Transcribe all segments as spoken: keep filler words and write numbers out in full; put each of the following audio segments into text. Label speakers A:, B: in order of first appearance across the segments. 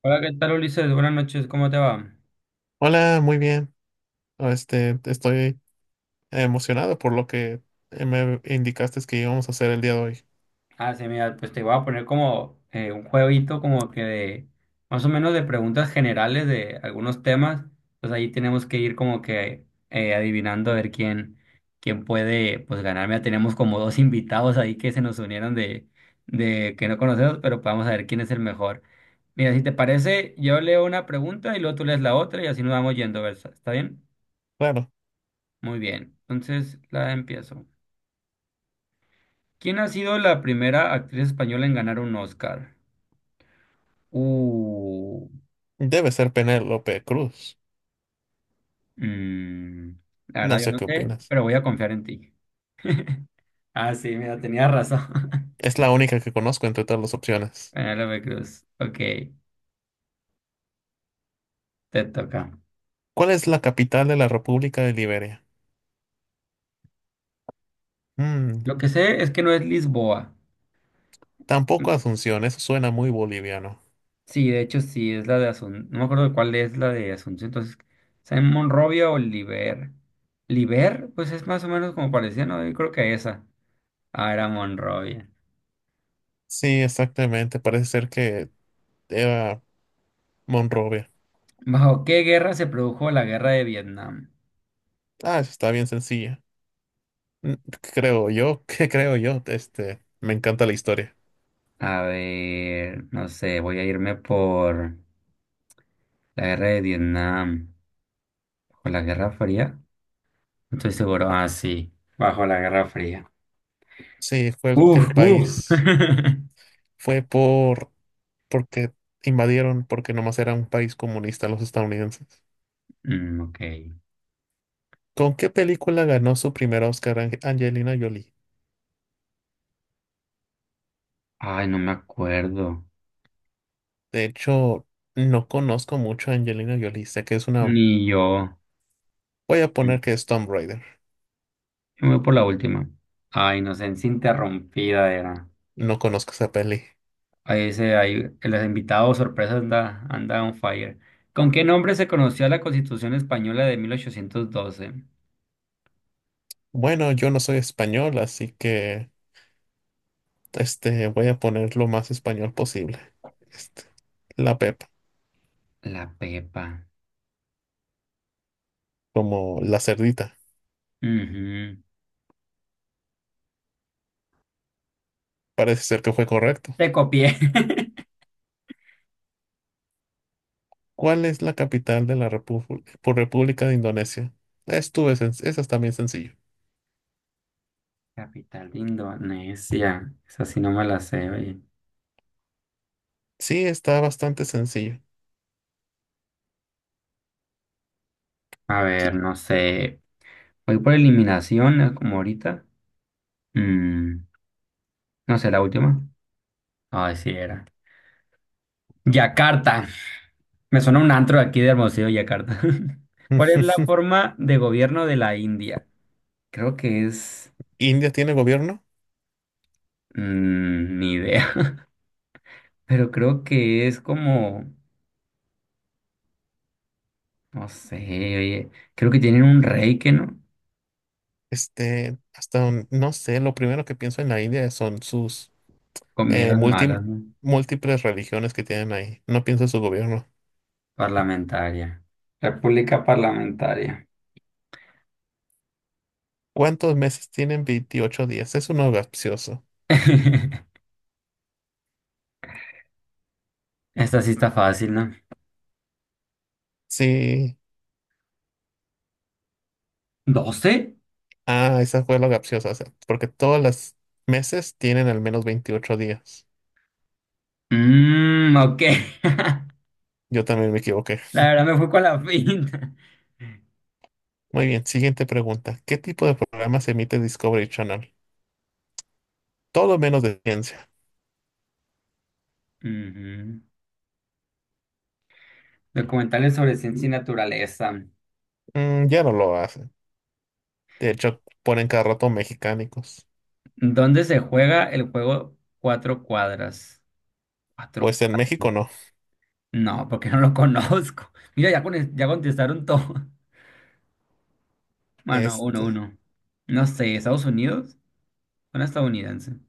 A: Hola, ¿qué tal Ulises? Buenas noches, ¿cómo te va?
B: Hola, muy bien. Este, estoy emocionado por lo que eh, me indicaste que íbamos a hacer el día de hoy.
A: Ah, sí, mira, pues te voy a poner como eh, un jueguito como que de más o menos de preguntas generales de algunos temas. Pues ahí tenemos que ir como que eh, adivinando a ver quién, quién puede pues ganar. Mira, tenemos como dos invitados ahí que se nos unieron de, de que no conocemos, pero pues vamos a ver quién es el mejor. Mira, si te parece, yo leo una pregunta y luego tú lees la otra y así nos vamos yendo, ¿verdad? ¿Está bien?
B: Claro,
A: Muy bien. Entonces la empiezo. ¿Quién ha sido la primera actriz española en ganar un Oscar? Uh,
B: debe ser Penélope Cruz.
A: mm, la
B: No
A: verdad yo
B: sé
A: no
B: qué
A: sé,
B: opinas.
A: pero voy a confiar en ti. Ah, sí, mira, tenía razón.
B: Es la única que conozco entre todas las opciones.
A: Penélope Cruz. Ok, te toca.
B: ¿Cuál es la capital de la República de Liberia? Mm,
A: Lo que sé es que no es Lisboa.
B: Tampoco Asunción, eso suena muy boliviano.
A: Sí, de hecho sí, es la de Asunción. No me acuerdo de cuál es la de Asunción. Entonces, ¿sea en Monrovia o Liber? Liber, pues es más o menos como parecía, ¿no? Yo creo que esa. Ah, era Monrovia.
B: Sí, exactamente, parece ser que era Monrovia.
A: ¿Bajo qué guerra se produjo la guerra de Vietnam?
B: Ah, eso está bien sencilla. Mm, Creo yo, que creo yo, este, me encanta la historia.
A: A ver, no sé, voy a irme por la guerra de Vietnam, o la Guerra Fría. No estoy seguro. Ah, sí, bajo la Guerra Fría.
B: Sí, fue
A: Uf,
B: el
A: uf.
B: país. Fue por porque invadieron, porque nomás era un país comunista los estadounidenses.
A: Mm, ok.
B: ¿Con qué película ganó su primer Oscar Ange- Angelina Jolie?
A: Ay, no me acuerdo.
B: De hecho, no conozco mucho a Angelina Jolie. Sé que es una...
A: Ni yo.
B: Voy a
A: Yo
B: poner que es Tomb Raider.
A: me voy por la última. Ah, inocencia interrumpida era.
B: No conozco esa peli.
A: Ahí dice, ahí, los invitados sorpresa anda, anda on fire. ¿Con qué nombre se conoció la Constitución Española de mil ochocientos doce?
B: Bueno, yo no soy español, así que este, voy a poner lo más español posible. Este, la Pepa,
A: La Pepa.
B: como la cerdita.
A: Ujú.
B: Parece ser que fue correcto.
A: Te copié.
B: ¿Cuál es la capital de la Repu- por República de Indonesia? Estuve, esa es también sencillo.
A: Capital de Indonesia. Esa sí no me la sé, oye.
B: Sí, está bastante sencillo.
A: A
B: I-
A: ver, no sé. Voy por eliminación, eh, como ahorita. Mm, no sé, la última. Ay, sí era. Yakarta. Me suena un antro de aquí de Hermosillo, Yakarta. ¿Cuál es la forma de gobierno de la India? Creo que es...
B: ¿India tiene gobierno?
A: mm, ni idea. Pero creo que es como... No sé, oye. Creo que tienen un rey que no. Con
B: Este, hasta un- no sé, lo primero que pienso en la India son sus eh,
A: Comidas
B: multi-
A: malas, ¿no?
B: múltiples religiones que tienen ahí. No pienso en su gobierno.
A: Parlamentaria. República Parlamentaria.
B: ¿Cuántos meses tienen veintiocho días? Es uno capcioso.
A: Esta sí está fácil, ¿no?
B: Sí,
A: ¿Doce?
B: ah, esa fue la capciosa, o sea, porque todos los meses tienen al menos veintiocho días.
A: Mmm, ok.
B: Yo también me equivoqué.
A: La verdad me fui con la finta.
B: Muy bien, siguiente pregunta. ¿Qué tipo de programas emite Discovery Channel? Todo menos de ciencia.
A: Ujú. Documentales sobre ciencia y naturaleza.
B: Mm, ya no lo hacen. De hecho, ponen cada rato mexicánicos.
A: ¿Dónde se juega el juego Cuatro Cuadras? Cuatro.
B: Pues en México
A: Cuadras.
B: no.
A: No, porque no lo conozco. Mira, ya, con- ya contestaron todo. Bueno, uno,
B: Este.
A: uno. No sé, ¿Estados Unidos? ¿Una estadounidense?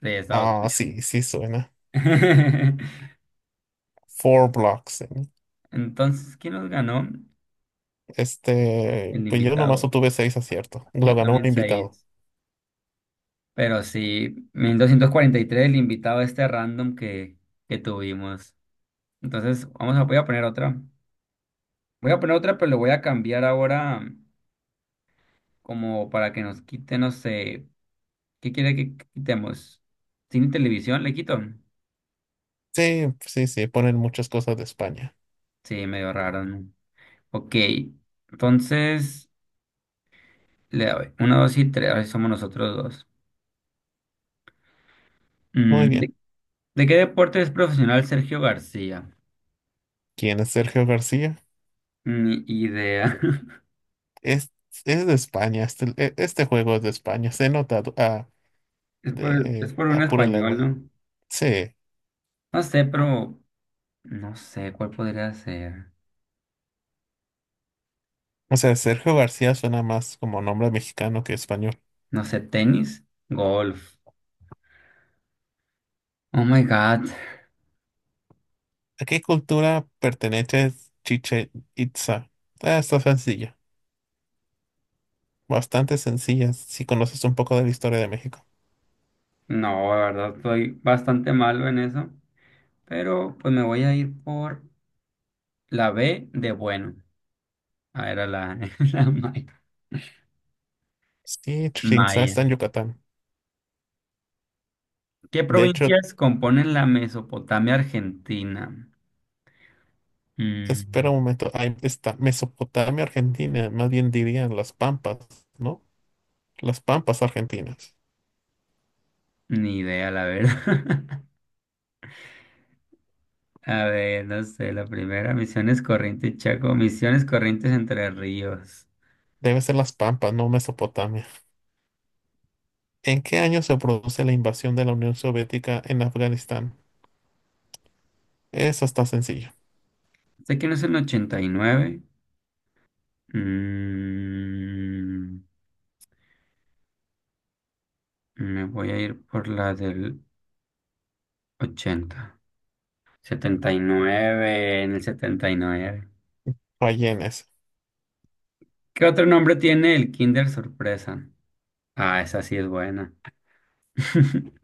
A: De Estados
B: Ah,
A: Unidos.
B: sí, sí suena. Four Blocks. ¿Eh?
A: Entonces, ¿quién los ganó?
B: Este.
A: El
B: Pues yo nomás
A: invitado,
B: obtuve seis aciertos. Lo
A: yo
B: ganó un
A: también
B: invitado.
A: seis. Pero sí, mil doscientos cuarenta y tres el invitado este random que, que tuvimos. Entonces, vamos a, voy a poner otra. Voy a poner otra, pero le voy a cambiar ahora como para que nos quite, no sé, ¿qué quiere que quitemos? ¿Cine y televisión le quito?
B: Sí, sí, sí. Ponen muchas cosas de España.
A: Sí, medio raro, ¿no? Ok, entonces, le doy. Uno, dos y tres, ahora sí somos nosotros dos.
B: Muy
A: Mm,
B: bien.
A: ¿de, de qué deporte es profesional Sergio García?
B: ¿Quién es Sergio García?
A: Ni idea.
B: Es, es de España. Este, e- este juego es de España. Se nota a, a-
A: Es por, es
B: de,
A: por
B: a
A: un
B: pura
A: español,
B: lengua.
A: ¿no?
B: Sí.
A: No sé, pero no sé cuál podría ser.
B: O sea, Sergio García suena más como nombre mexicano que español.
A: No sé, tenis, golf. Oh my God.
B: ¿A qué cultura pertenece Chichen Itza? Ah, está sencilla, bastante sencilla si conoces un poco de la historia de México.
A: No, la verdad estoy bastante malo en eso. Pero pues me voy a ir por la B de bueno. Ah, era la, la maya.
B: Sí, Chichen Itza
A: Maya.
B: está en Yucatán.
A: ¿Qué
B: De hecho,
A: provincias componen la Mesopotamia argentina? Mm,
B: espera un momento, ahí está Mesopotamia, Argentina, más bien dirían las Pampas, ¿no? Las Pampas argentinas.
A: ni idea, la verdad. A ver, no sé, la primera, Misiones Corrientes Chaco, Misiones Corrientes Entre Ríos.
B: Debe ser las Pampas, no Mesopotamia. ¿En qué año se produce la invasión de la Unión Soviética en Afganistán? Eso está sencillo.
A: Sé que no es el ochenta y nueve. Mm, me voy a ir por la del ochenta. Setenta y nueve, en el setenta y nueve.
B: Rellenes.
A: ¿Qué otro nombre tiene el Kinder Sorpresa? Ah, esa sí es buena.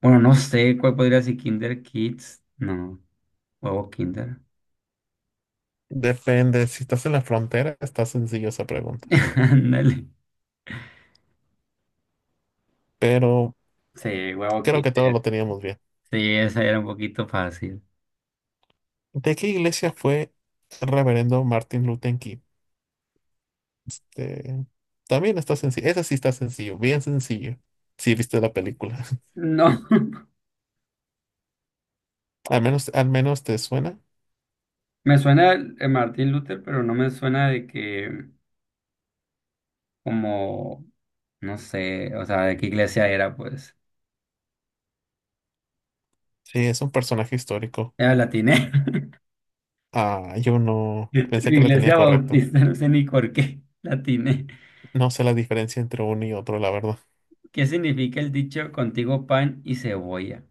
A: Bueno, no sé cuál podría ser Kinder Kids. No, huevo Kinder.
B: Depende, si estás en la frontera, está sencillo esa pregunta.
A: Ándale.
B: Pero
A: Sí, huevo
B: creo que todos
A: Kinder.
B: lo teníamos bien.
A: Sí, esa era un poquito fácil.
B: ¿De qué iglesia fue el reverendo Martin Luther King? De- También está sencillo. Esa sí está sencillo, bien sencillo. Si viste la película.
A: No,
B: Al menos, al menos te suena.
A: me suena el Martín Luther, pero no me suena de que como, no sé, o sea, de qué iglesia era, pues.
B: Sí, es un personaje histórico.
A: Era latiné.
B: Ah, yo no pensé que la tenía
A: Iglesia
B: correcta.
A: Bautista, no sé ni por qué. Latiné.
B: No sé la diferencia entre uno y otro, la verdad.
A: ¿Qué significa el dicho contigo pan y cebolla?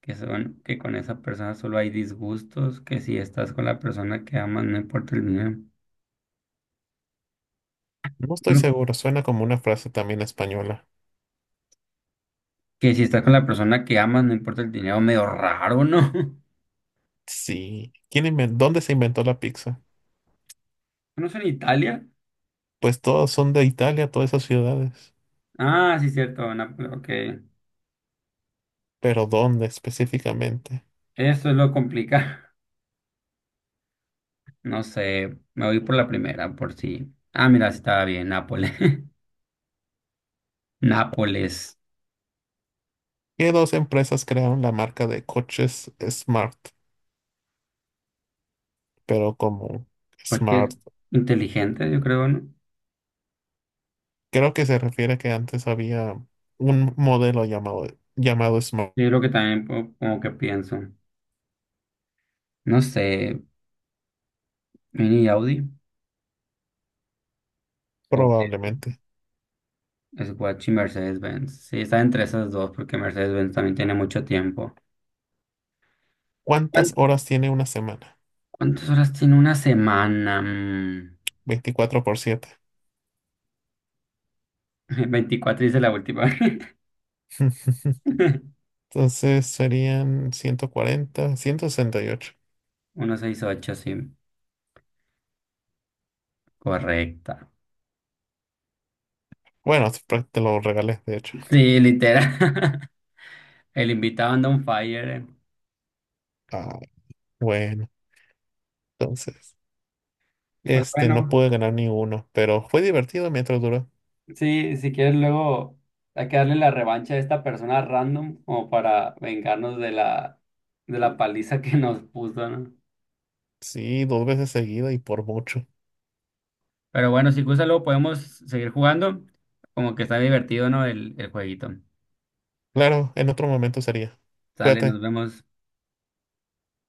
A: Que son que con esa persona solo hay disgustos, que si estás con la persona que amas, no importa el dinero.
B: No estoy
A: No,
B: seguro, suena como una frase también española.
A: que si estás con la persona que amas, no importa el dinero, medio raro, ¿no?
B: Sí. ¿Quién inven- ¿Dónde se inventó la pizza?
A: ¿No es en Italia?
B: Pues todas son de Italia, todas esas ciudades.
A: Ah, sí, cierto, Nápoles, ok.
B: Pero ¿dónde específicamente?
A: Eso es lo complicado. No sé, me voy por la primera, por si. Ah, mira, sí estaba bien, Nápoles. Nápoles.
B: ¿Qué dos empresas crearon la marca de coches Smart? Pero como
A: Coches
B: Smart,
A: inteligentes, yo creo, ¿no? Yo
B: creo que se refiere a que antes había un modelo llamado, llamado Smart,
A: creo que también po- como que pienso. No sé, Mini Audi o
B: probablemente.
A: Swatch y Mercedes-Benz. Sí, está entre esas dos porque Mercedes-Benz también tiene mucho tiempo. ¿Cuán-
B: ¿Cuántas horas tiene una semana?
A: ¿Cuántas horas tiene una semana? Mm,
B: Veinticuatro por siete.
A: veinticuatro dice la última.
B: Entonces serían ciento cuarenta, ciento sesenta y ocho.
A: ciento sesenta y ocho, sí. Correcta.
B: Bueno, es pra- te lo regalé, de hecho.
A: Sí, literal. El invitado anda on fire, eh.
B: Ah, bueno, entonces,
A: Pues
B: este, no
A: bueno,
B: pude ganar ni uno, pero fue divertido mientras duró.
A: sí, si quieres luego hay que darle la revancha a esta persona random como para vengarnos de la, de la paliza que nos puso, ¿no?
B: Sí, dos veces seguida y por mucho.
A: Pero bueno, si gusta, luego podemos seguir jugando. Como que está divertido, ¿no? El, el jueguito.
B: Claro, en otro momento sería.
A: Sale, nos
B: Cuídate.
A: vemos.